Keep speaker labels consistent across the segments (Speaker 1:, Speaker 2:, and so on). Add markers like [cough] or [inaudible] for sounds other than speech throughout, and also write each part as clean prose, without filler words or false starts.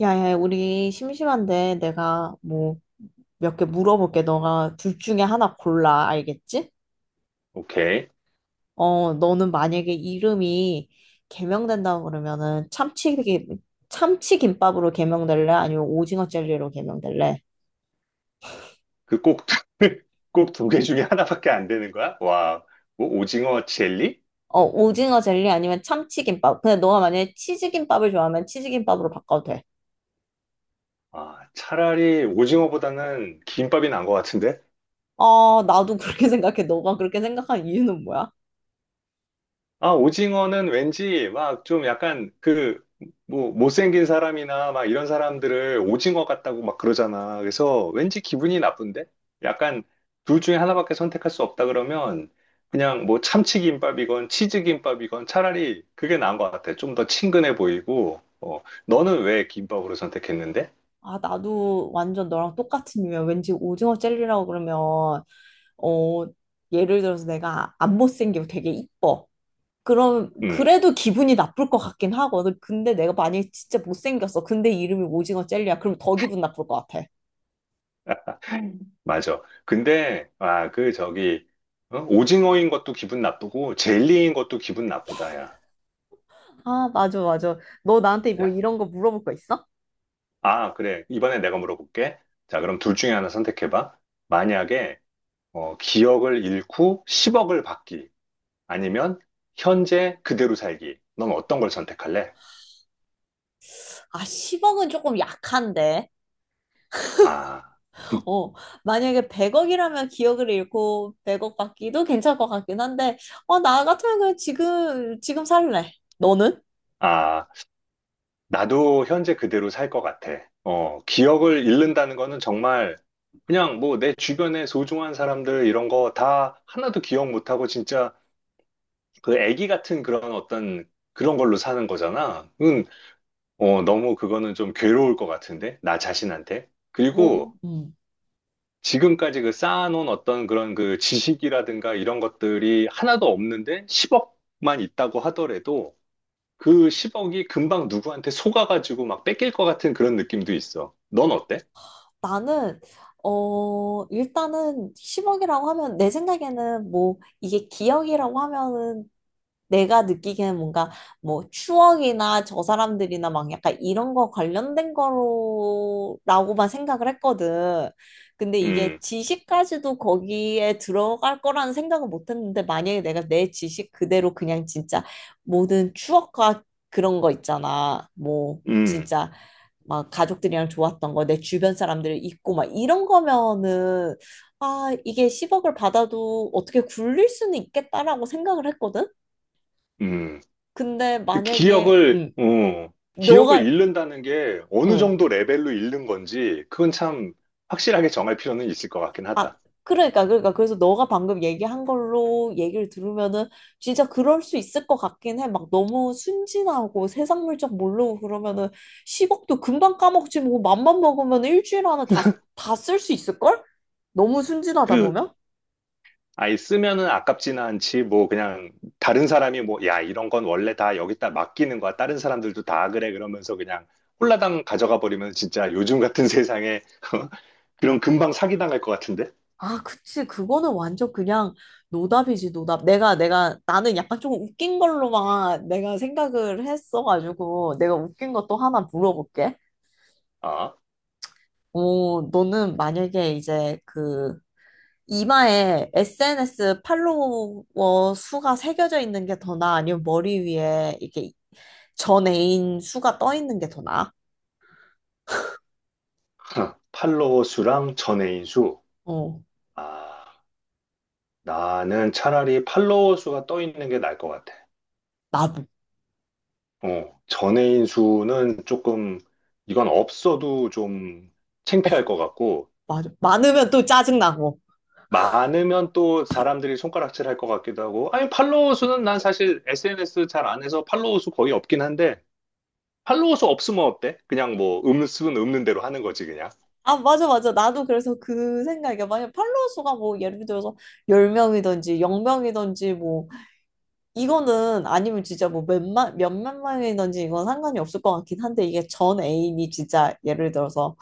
Speaker 1: 야, 야, 우리 심심한데 내가 뭐 몇 개 물어볼게. 너가 둘 중에 하나 골라. 알겠지?
Speaker 2: 오케이.
Speaker 1: 어, 너는 만약에 이름이 개명된다고 그러면은 참치김밥으로 개명될래? 아니면 오징어 젤리로 개명될래?
Speaker 2: 그 꼭, [laughs] 꼭 두 개 중에 하나밖에 안 되는 거야? 와, 뭐 오징어 젤리?
Speaker 1: 어, 오징어 젤리 아니면 참치김밥. 근데 너가 만약에 치즈김밥을 좋아하면 치즈김밥으로 바꿔도 돼.
Speaker 2: 아, 차라리 오징어보다는 김밥이 난 것 같은데?
Speaker 1: 아, 나도 그렇게 [laughs] 생각해. 너가 그렇게 생각한 이유는 뭐야?
Speaker 2: 아, 오징어는 왠지 막 좀 약간 뭐, 못생긴 사람이나 막 이런 사람들을 오징어 같다고 막 그러잖아. 그래서 왠지 기분이 나쁜데? 약간 둘 중에 하나밖에 선택할 수 없다 그러면 그냥 뭐 참치김밥이건 치즈김밥이건 차라리 그게 나은 것 같아. 좀 더 친근해 보이고, 너는 왜 김밥으로 선택했는데?
Speaker 1: 아, 나도 완전 너랑 똑같은 이유야. 왠지 오징어 젤리라고 그러면 어, 예를 들어서 내가 안 못생기고 되게 이뻐. 그럼
Speaker 2: 음.
Speaker 1: 그래도 기분이 나쁠 것 같긴 하거든. 근데 내가 만약에 진짜 못생겼어. 근데 이름이 오징어 젤리야. 그럼 더 기분 나쁠 것 같아.
Speaker 2: 맞아. 근데, 아, 그, 저기, 어? 오징어인 것도 기분 나쁘고, 젤리인 것도 기분 나쁘다, 야.
Speaker 1: 아, 맞아, 맞아. 너 나한테 뭐 이런 거 물어볼 거 있어?
Speaker 2: 아, 그래. 이번에 내가 물어볼게. 자, 그럼 둘 중에 하나 선택해봐. 만약에 기억을 잃고 10억을 받기, 아니면 현재 그대로 살기. 넌 어떤 걸 선택할래?
Speaker 1: 아, 10억은 조금 약한데.
Speaker 2: 아,
Speaker 1: 어, 만약에 100억이라면 기억을 잃고 100억 받기도 괜찮을 것 같긴 한데, 어, 나 같으면 그냥 지금 살래. 너는?
Speaker 2: 아, 나도 현재 그대로 살 것 같아. 기억을 잃는다는 거는 정말 그냥 뭐 내 주변에 소중한 사람들 이런 거 다 하나도 기억 못하고 진짜 그 애기 같은 그런 어떤 그런 걸로 사는 거잖아. 응, 너무 그거는 좀 괴로울 것 같은데? 나 자신한테?
Speaker 1: 뭐,
Speaker 2: 그리고
Speaker 1: 음.
Speaker 2: 지금까지 그 쌓아놓은 어떤 그런 그 지식이라든가 이런 것들이 하나도 없는데 10억만 있다고 하더라도 그 10억이 금방 누구한테 속아가지고 막 뺏길 것 같은 그런 느낌도 있어. 넌 어때?
Speaker 1: 나는 어 일단은 10억이라고 하면 내 생각에는 뭐 이게 기억이라고 하면은 내가 느끼기에는 뭔가 뭐 추억이나 저 사람들이나 막 약간 이런 거 관련된 거로라고만 생각을 했거든. 근데 이게
Speaker 2: 음,
Speaker 1: 지식까지도 거기에 들어갈 거라는 생각은 못 했는데 만약에 내가 내 지식 그대로 그냥 진짜 모든 추억과 그런 거 있잖아. 뭐
Speaker 2: 음,
Speaker 1: 진짜 막 가족들이랑 좋았던 거, 내 주변 사람들 있고 막 이런 거면은 아, 이게 10억을 받아도 어떻게 굴릴 수는 있겠다라고 생각을 했거든.
Speaker 2: 음.
Speaker 1: 근데
Speaker 2: 그
Speaker 1: 만약에
Speaker 2: 기억을, 어, 기억을
Speaker 1: 너가
Speaker 2: 잃는다는 게 어느
Speaker 1: 음,
Speaker 2: 정도 레벨로 잃는 건지 그건 참 확실하게 정할 필요는 있을 것 같긴
Speaker 1: 아,
Speaker 2: 하다.
Speaker 1: 그러니까 그래서 너가 방금 얘기한 걸로 얘기를 들으면은 진짜 그럴 수 있을 것 같긴 해. 막 너무 순진하고 세상 물정 모르고 그러면은 10억도 금방 까먹지 뭐 맘만 먹으면 일주일 안에 다 쓸 수 있을걸? 너무 순진하다
Speaker 2: 그,
Speaker 1: 보면?
Speaker 2: 아예 쓰면은 아깝지는 않지, 뭐, 그냥, 다른 사람이 뭐, 야, 이런 건 원래 다 여기다 맡기는 거야. 다른 사람들도 다 그래. 그러면서 그냥 홀라당 가져가 버리면 진짜 요즘 같은 세상에 [laughs] 그런 금방 사기당할 것 같은데?
Speaker 1: 아, 그치. 그거는 완전 그냥 노답이지, 노답. 나는 약간 좀 웃긴 걸로만 내가 생각을 했어가지고, 내가 웃긴 것도 하나 물어볼게.
Speaker 2: 아,
Speaker 1: 어, 너는 만약에 이제 그, 이마에 SNS 팔로워 수가 새겨져 있는 게 더 나아? 아니면 머리 위에 이렇게 전 애인 수가 떠 있는 게 더 나아?
Speaker 2: [laughs] 팔로워 수랑 전애인 수.
Speaker 1: 어,
Speaker 2: 아, 나는 차라리 팔로워 수가 떠 있는 게 나을 것 같아.
Speaker 1: 나도.
Speaker 2: 전애인 수는 조금, 이건 없어도 좀
Speaker 1: 어,
Speaker 2: 창피할 것 같고,
Speaker 1: 맞아. 많으면 또 짜증나고.
Speaker 2: 많으면 또 사람들이 손가락질 할 것 같기도 하고, 아니, 팔로워 수는 난 사실 SNS 잘 안 해서 팔로워 수 거의 없긴 한데, 팔로워 수 없으면 어때? 그냥 뭐, 없는 수는 없는 대로 하는 거지, 그냥.
Speaker 1: 아, 맞아, 맞아. 나도 그래서 그 생각이야. 만약 팔로워 수가 뭐 예를 들어서 10명이든지 0명이든지 뭐 이거는 아니면 진짜 뭐 몇만, 몇만 명이든지 이건 상관이 없을 것 같긴 한데 이게 전 애인이 진짜 예를 들어서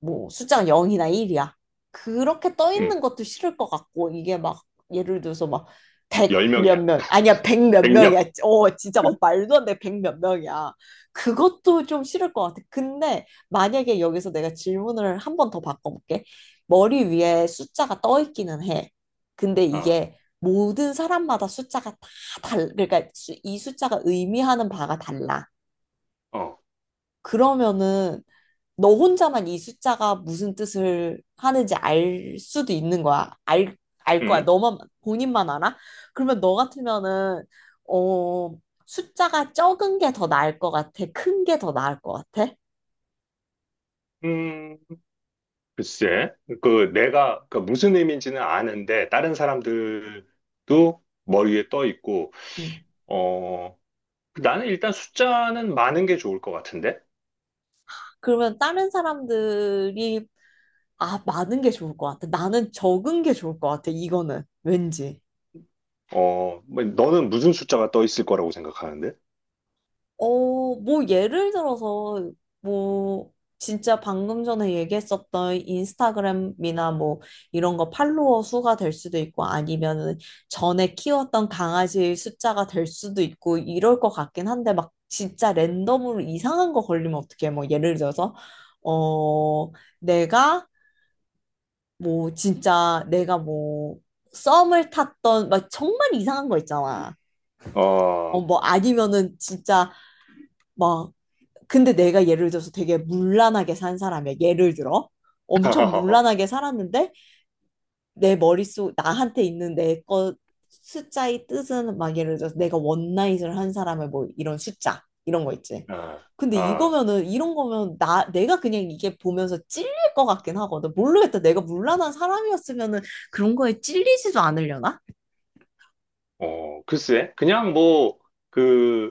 Speaker 1: 뭐 숫자가 0이나 1이야. 그렇게 떠
Speaker 2: 음
Speaker 1: 있는 것도 싫을 것 같고 이게 막 예를 들어서 막 백 몇
Speaker 2: 10명이야.
Speaker 1: 명, 아니야 백 몇 명이야.
Speaker 2: 100명.
Speaker 1: 어 진짜 막 말도 안 돼. 백 몇 명이야. 그것도 좀 싫을 것 같아. 근데 만약에 여기서 내가 질문을 한 번 더 바꿔볼게. 머리 위에 숫자가 떠 있기는 해. 근데
Speaker 2: 어,
Speaker 1: 이게 모든 사람마다 숫자가 다 그러니까 이 숫자가 의미하는 바가 달라.
Speaker 2: 어,
Speaker 1: 그러면은 너 혼자만 이 숫자가 무슨 뜻을 하는지 알 수도 있는 거야. 알 거야.
Speaker 2: 응,
Speaker 1: 너만, 본인만 알아? 그러면 너 같으면은, 어, 숫자가 적은 게 더 나을 것 같아? 큰 게 더 나을 것 같아?
Speaker 2: 음, 음, 글쎄. 내가, 무슨 의미인지는 아는데, 다른 사람들도 머리에 떠 있고,
Speaker 1: 음.
Speaker 2: 어, 나는 일단 숫자는 많은 게 좋을 것 같은데?
Speaker 1: 그러면 다른 사람들이, 아, 많은 게 좋을 것 같아. 나는 적은 게 좋을 것 같아. 이거는. 왠지.
Speaker 2: 뭐, 너는 무슨 숫자가 떠 있을 거라고 생각하는데?
Speaker 1: 어, 뭐 예를 들어서 뭐 진짜 방금 전에 얘기했었던 인스타그램이나 뭐 이런 거 팔로워 수가 될 수도 있고 아니면은 전에 키웠던 강아지 숫자가 될 수도 있고 이럴 것 같긴 한데 막 진짜 랜덤으로 이상한 거 걸리면 어떡해. 뭐 예를 들어서 어, 내가 뭐 진짜 내가 뭐 썸을 탔던 막 정말 이상한 거 있잖아.
Speaker 2: 어,
Speaker 1: 어, 뭐 아니면은 진짜 막 근데 내가 예를 들어서 되게 문란하게 산 사람이야. 예를 들어. 엄청
Speaker 2: [laughs]
Speaker 1: 문란하게 살았는데 내 머릿속 나한테 있는 내 거 숫자의 뜻은 막 예를 들어서 내가 원나잇을 한 사람의 뭐 이런 숫자 이런 거 있지.
Speaker 2: 아,
Speaker 1: 근데
Speaker 2: 아,
Speaker 1: 이거면은 이런 거면 나 내가 그냥 이게 보면서 찔릴 것 같긴 하거든. 모르겠다. 내가 문란한 사람이었으면은 그런 거에 찔리지도 않으려나?
Speaker 2: 글쎄, 그냥 뭐, 그,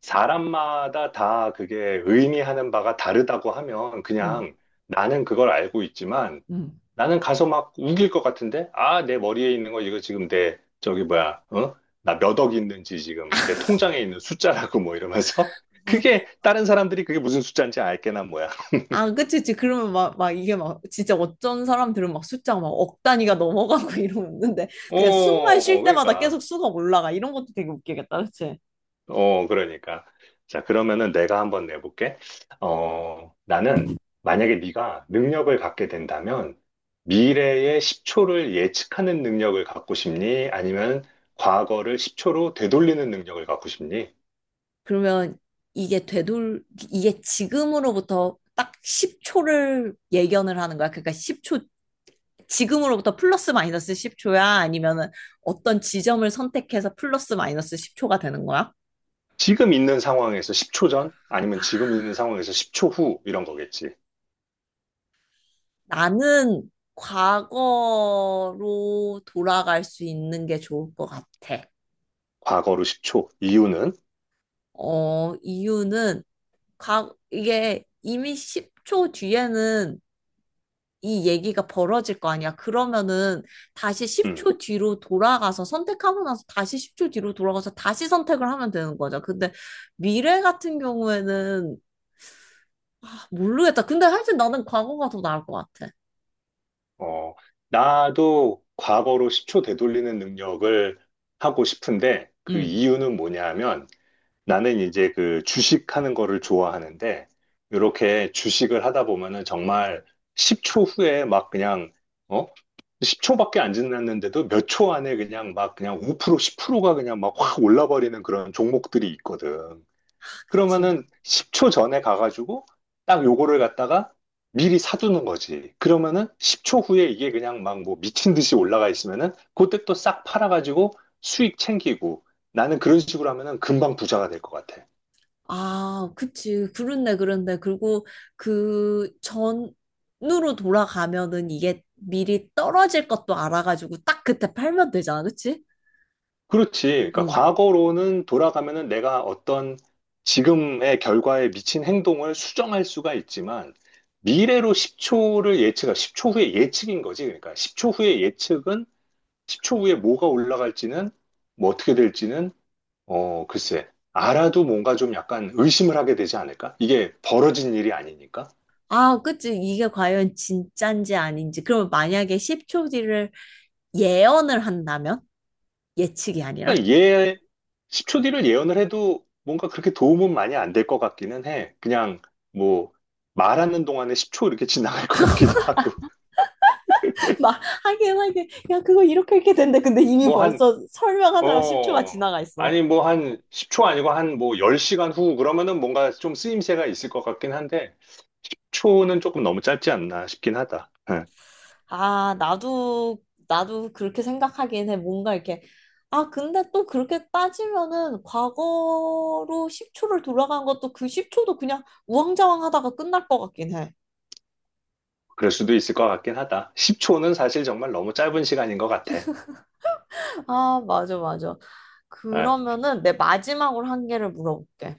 Speaker 2: 사람마다 다 그게 의미하는 바가 다르다고 하면
Speaker 1: 음,
Speaker 2: 그냥 나는 그걸 알고 있지만
Speaker 1: 음.
Speaker 2: 나는 가서 막 우길 것 같은데? 아, 내 머리에 있는 거 이거 지금 내, 저기 뭐야, 어? 나 몇 억 있는지 지금 내 통장에 있는 숫자라고 뭐 이러면서 [laughs]
Speaker 1: 아,
Speaker 2: 그게 다른 사람들이 그게 무슨 숫자인지 알게나 뭐야. [laughs]
Speaker 1: 아, 그치, 그치. 그러면 막, 막 이게 막 진짜 어쩐 사람들은 막 숫자가 막 억 단위가 넘어가고 [laughs] 이러는데 그냥 숨만 쉴 때마다 계속
Speaker 2: 그러니까.
Speaker 1: 수가 올라가. 이런 것도 되게 웃기겠다, 그치?
Speaker 2: 그러니까. 자, 그러면은 내가 한번 내볼게. 나는 만약에 네가 능력을 갖게 된다면 미래의 10초를 예측하는 능력을 갖고 싶니? 아니면 과거를 10초로 되돌리는 능력을 갖고 싶니?
Speaker 1: 그러면 이게 되돌, 이게 지금으로부터 딱 10초를 예견을 하는 거야. 그러니까 10초, 지금으로부터 플러스 마이너스 10초야? 아니면은 어떤 지점을 선택해서 플러스 마이너스 10초가 되는 거야?
Speaker 2: 지금 있는 상황에서 10초 전? 아니면 지금 있는 상황에서 10초 후? 이런 거겠지.
Speaker 1: 나는 과거로 돌아갈 수 있는 게 좋을 것 같아.
Speaker 2: 과거로 10초. 이유는?
Speaker 1: 어, 이유는 각 이게 이미 10초 뒤에는 이 얘기가 벌어질 거 아니야. 그러면은 다시
Speaker 2: 음,
Speaker 1: 10초 뒤로 돌아가서 선택하고 나서 다시 10초 뒤로 돌아가서 다시 선택을 하면 되는 거죠. 근데 미래 같은 경우에는 아, 모르겠다. 근데 하여튼 나는 과거가 더 나을 것 같아.
Speaker 2: 어, 나도 과거로 10초 되돌리는 능력을 하고 싶은데 그
Speaker 1: 응,
Speaker 2: 이유는 뭐냐면 나는 이제 그 주식하는 거를 좋아하는데, 이렇게 주식을 하다 보면은 정말 10초 후에 막 그냥, 어? 10초밖에 안 지났는데도 몇 초 안에 그냥 막 그냥 5%, 10%가 그냥 막 확 올라버리는 그런 종목들이 있거든.
Speaker 1: 그치.
Speaker 2: 그러면은 10초 전에 가가지고 딱 요거를 갖다가 미리 사두는 거지. 그러면은 10초 후에 이게 그냥 막 뭐 미친 듯이 올라가 있으면은 그때 또 싹 팔아가지고 수익 챙기고 나는 그런 식으로 하면은 금방 부자가 될 것 같아.
Speaker 1: 아, 그치. 그렇네, 그렇네. 그리고 그 전으로 돌아가면은 이게 미리 떨어질 것도 알아가지고 딱 그때 팔면 되잖아, 그치?
Speaker 2: 그렇지. 그러니까
Speaker 1: 응.
Speaker 2: 과거로는 돌아가면은 내가 어떤 지금의 결과에 미친 행동을 수정할 수가 있지만 미래로 10초 후에 예측인 거지. 그러니까 10초 후에 예측은 10초 후에 뭐가 올라갈지는, 뭐 어떻게 될지는, 글쎄, 알아도 뭔가 좀 약간 의심을 하게 되지 않을까? 이게 벌어진 일이 아니니까.
Speaker 1: 아, 그치. 이게 과연 진짠지 아닌지. 그러면 만약에 10초 뒤를 예언을 한다면? 예측이 아니라?
Speaker 2: 그러니까 예, 10초 뒤를 예언을 해도 뭔가 그렇게 도움은 많이 안 될 것 같기는 해. 그냥 뭐 말하는 동안에 10초 이렇게 지나갈 것 같기도 하고.
Speaker 1: [laughs] 막 하긴 하긴 야 그거 이렇게 이렇게 된대 근데 이미
Speaker 2: 뭐 한,
Speaker 1: 벌써 설명하느라 10초가
Speaker 2: 어,
Speaker 1: 지나가 있어
Speaker 2: 아니 뭐 한 10초 아니고 한 뭐 10시간 후 그러면은 뭔가 좀 쓰임새가 있을 것 같긴 한데, 초는 조금 너무 짧지 않나 싶긴 하다. 예.
Speaker 1: 아, 나도 그렇게 생각하긴 해. 뭔가 이렇게. 아, 근데 또 그렇게 따지면은 과거로 10초를 돌아간 것도 그 10초도 그냥 우왕좌왕 하다가 끝날 것 같긴 해.
Speaker 2: 그럴 수도 있을 것 같긴 하다. 10초는 사실 정말 너무 짧은 시간인 것 같아.
Speaker 1: 아, 맞아, 맞아.
Speaker 2: 아,
Speaker 1: 그러면은 내 마지막으로 한 개를 물어볼게.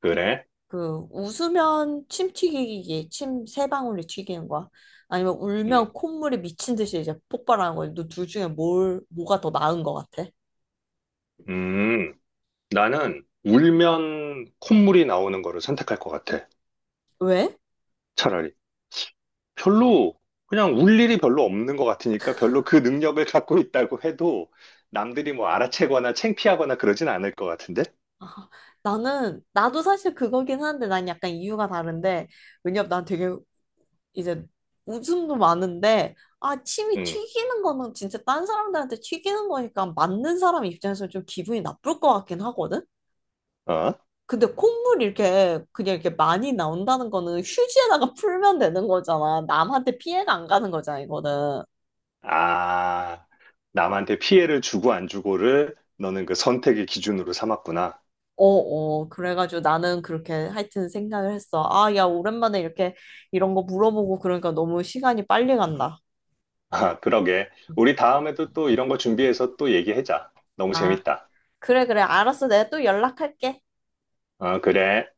Speaker 2: 그래?
Speaker 1: 그, 웃으면 침 튀기기, 침 세 방울이 튀기는 거야. 아니면
Speaker 2: 음.
Speaker 1: 울면 콧물이 미친 듯이 이제 폭발하는 거야. 너둘 중에 뭘, 뭐가 더 나은 것 같아?
Speaker 2: 음, 나는 울면 콧물이 나오는 거를 선택할 것 같아.
Speaker 1: 왜?
Speaker 2: 차라리. 별로, 그냥 울 일이 별로 없는 것 같으니까 별로 그 능력을 갖고 있다고 해도 남들이 뭐 알아채거나 창피하거나 그러진 않을 것 같은데?
Speaker 1: 아, 나는, 나도 사실 그거긴 한데 난 약간 이유가 다른데, 왜냐면 난 되게 이제 웃음도 많은데, 아, 침이
Speaker 2: 음,
Speaker 1: 튀기는 거는 진짜 딴 사람들한테 튀기는 거니까 맞는 사람 입장에서 좀 기분이 나쁠 것 같긴 하거든?
Speaker 2: 어?
Speaker 1: 근데 콧물 이렇게 그냥 이렇게 많이 나온다는 거는 휴지에다가 [laughs] 풀면 되는 거잖아. 남한테 피해가 안 가는 거잖아, 이거는.
Speaker 2: 아, 남한테 피해를 주고 안 주고를 너는 그 선택의 기준으로 삼았구나.
Speaker 1: 어어, 그래가지고 나는 그렇게 하여튼 생각을 했어. 아, 야, 오랜만에 이렇게 이런 거 물어보고 그러니까 너무 시간이 빨리 간다.
Speaker 2: 아, 그러게. 우리 다음에도 또 이런 거 준비해서 또 얘기하자. 너무
Speaker 1: 아,
Speaker 2: 재밌다.
Speaker 1: 그래, 그래. 알았어. 내가 또 연락할게.
Speaker 2: 어, 그래.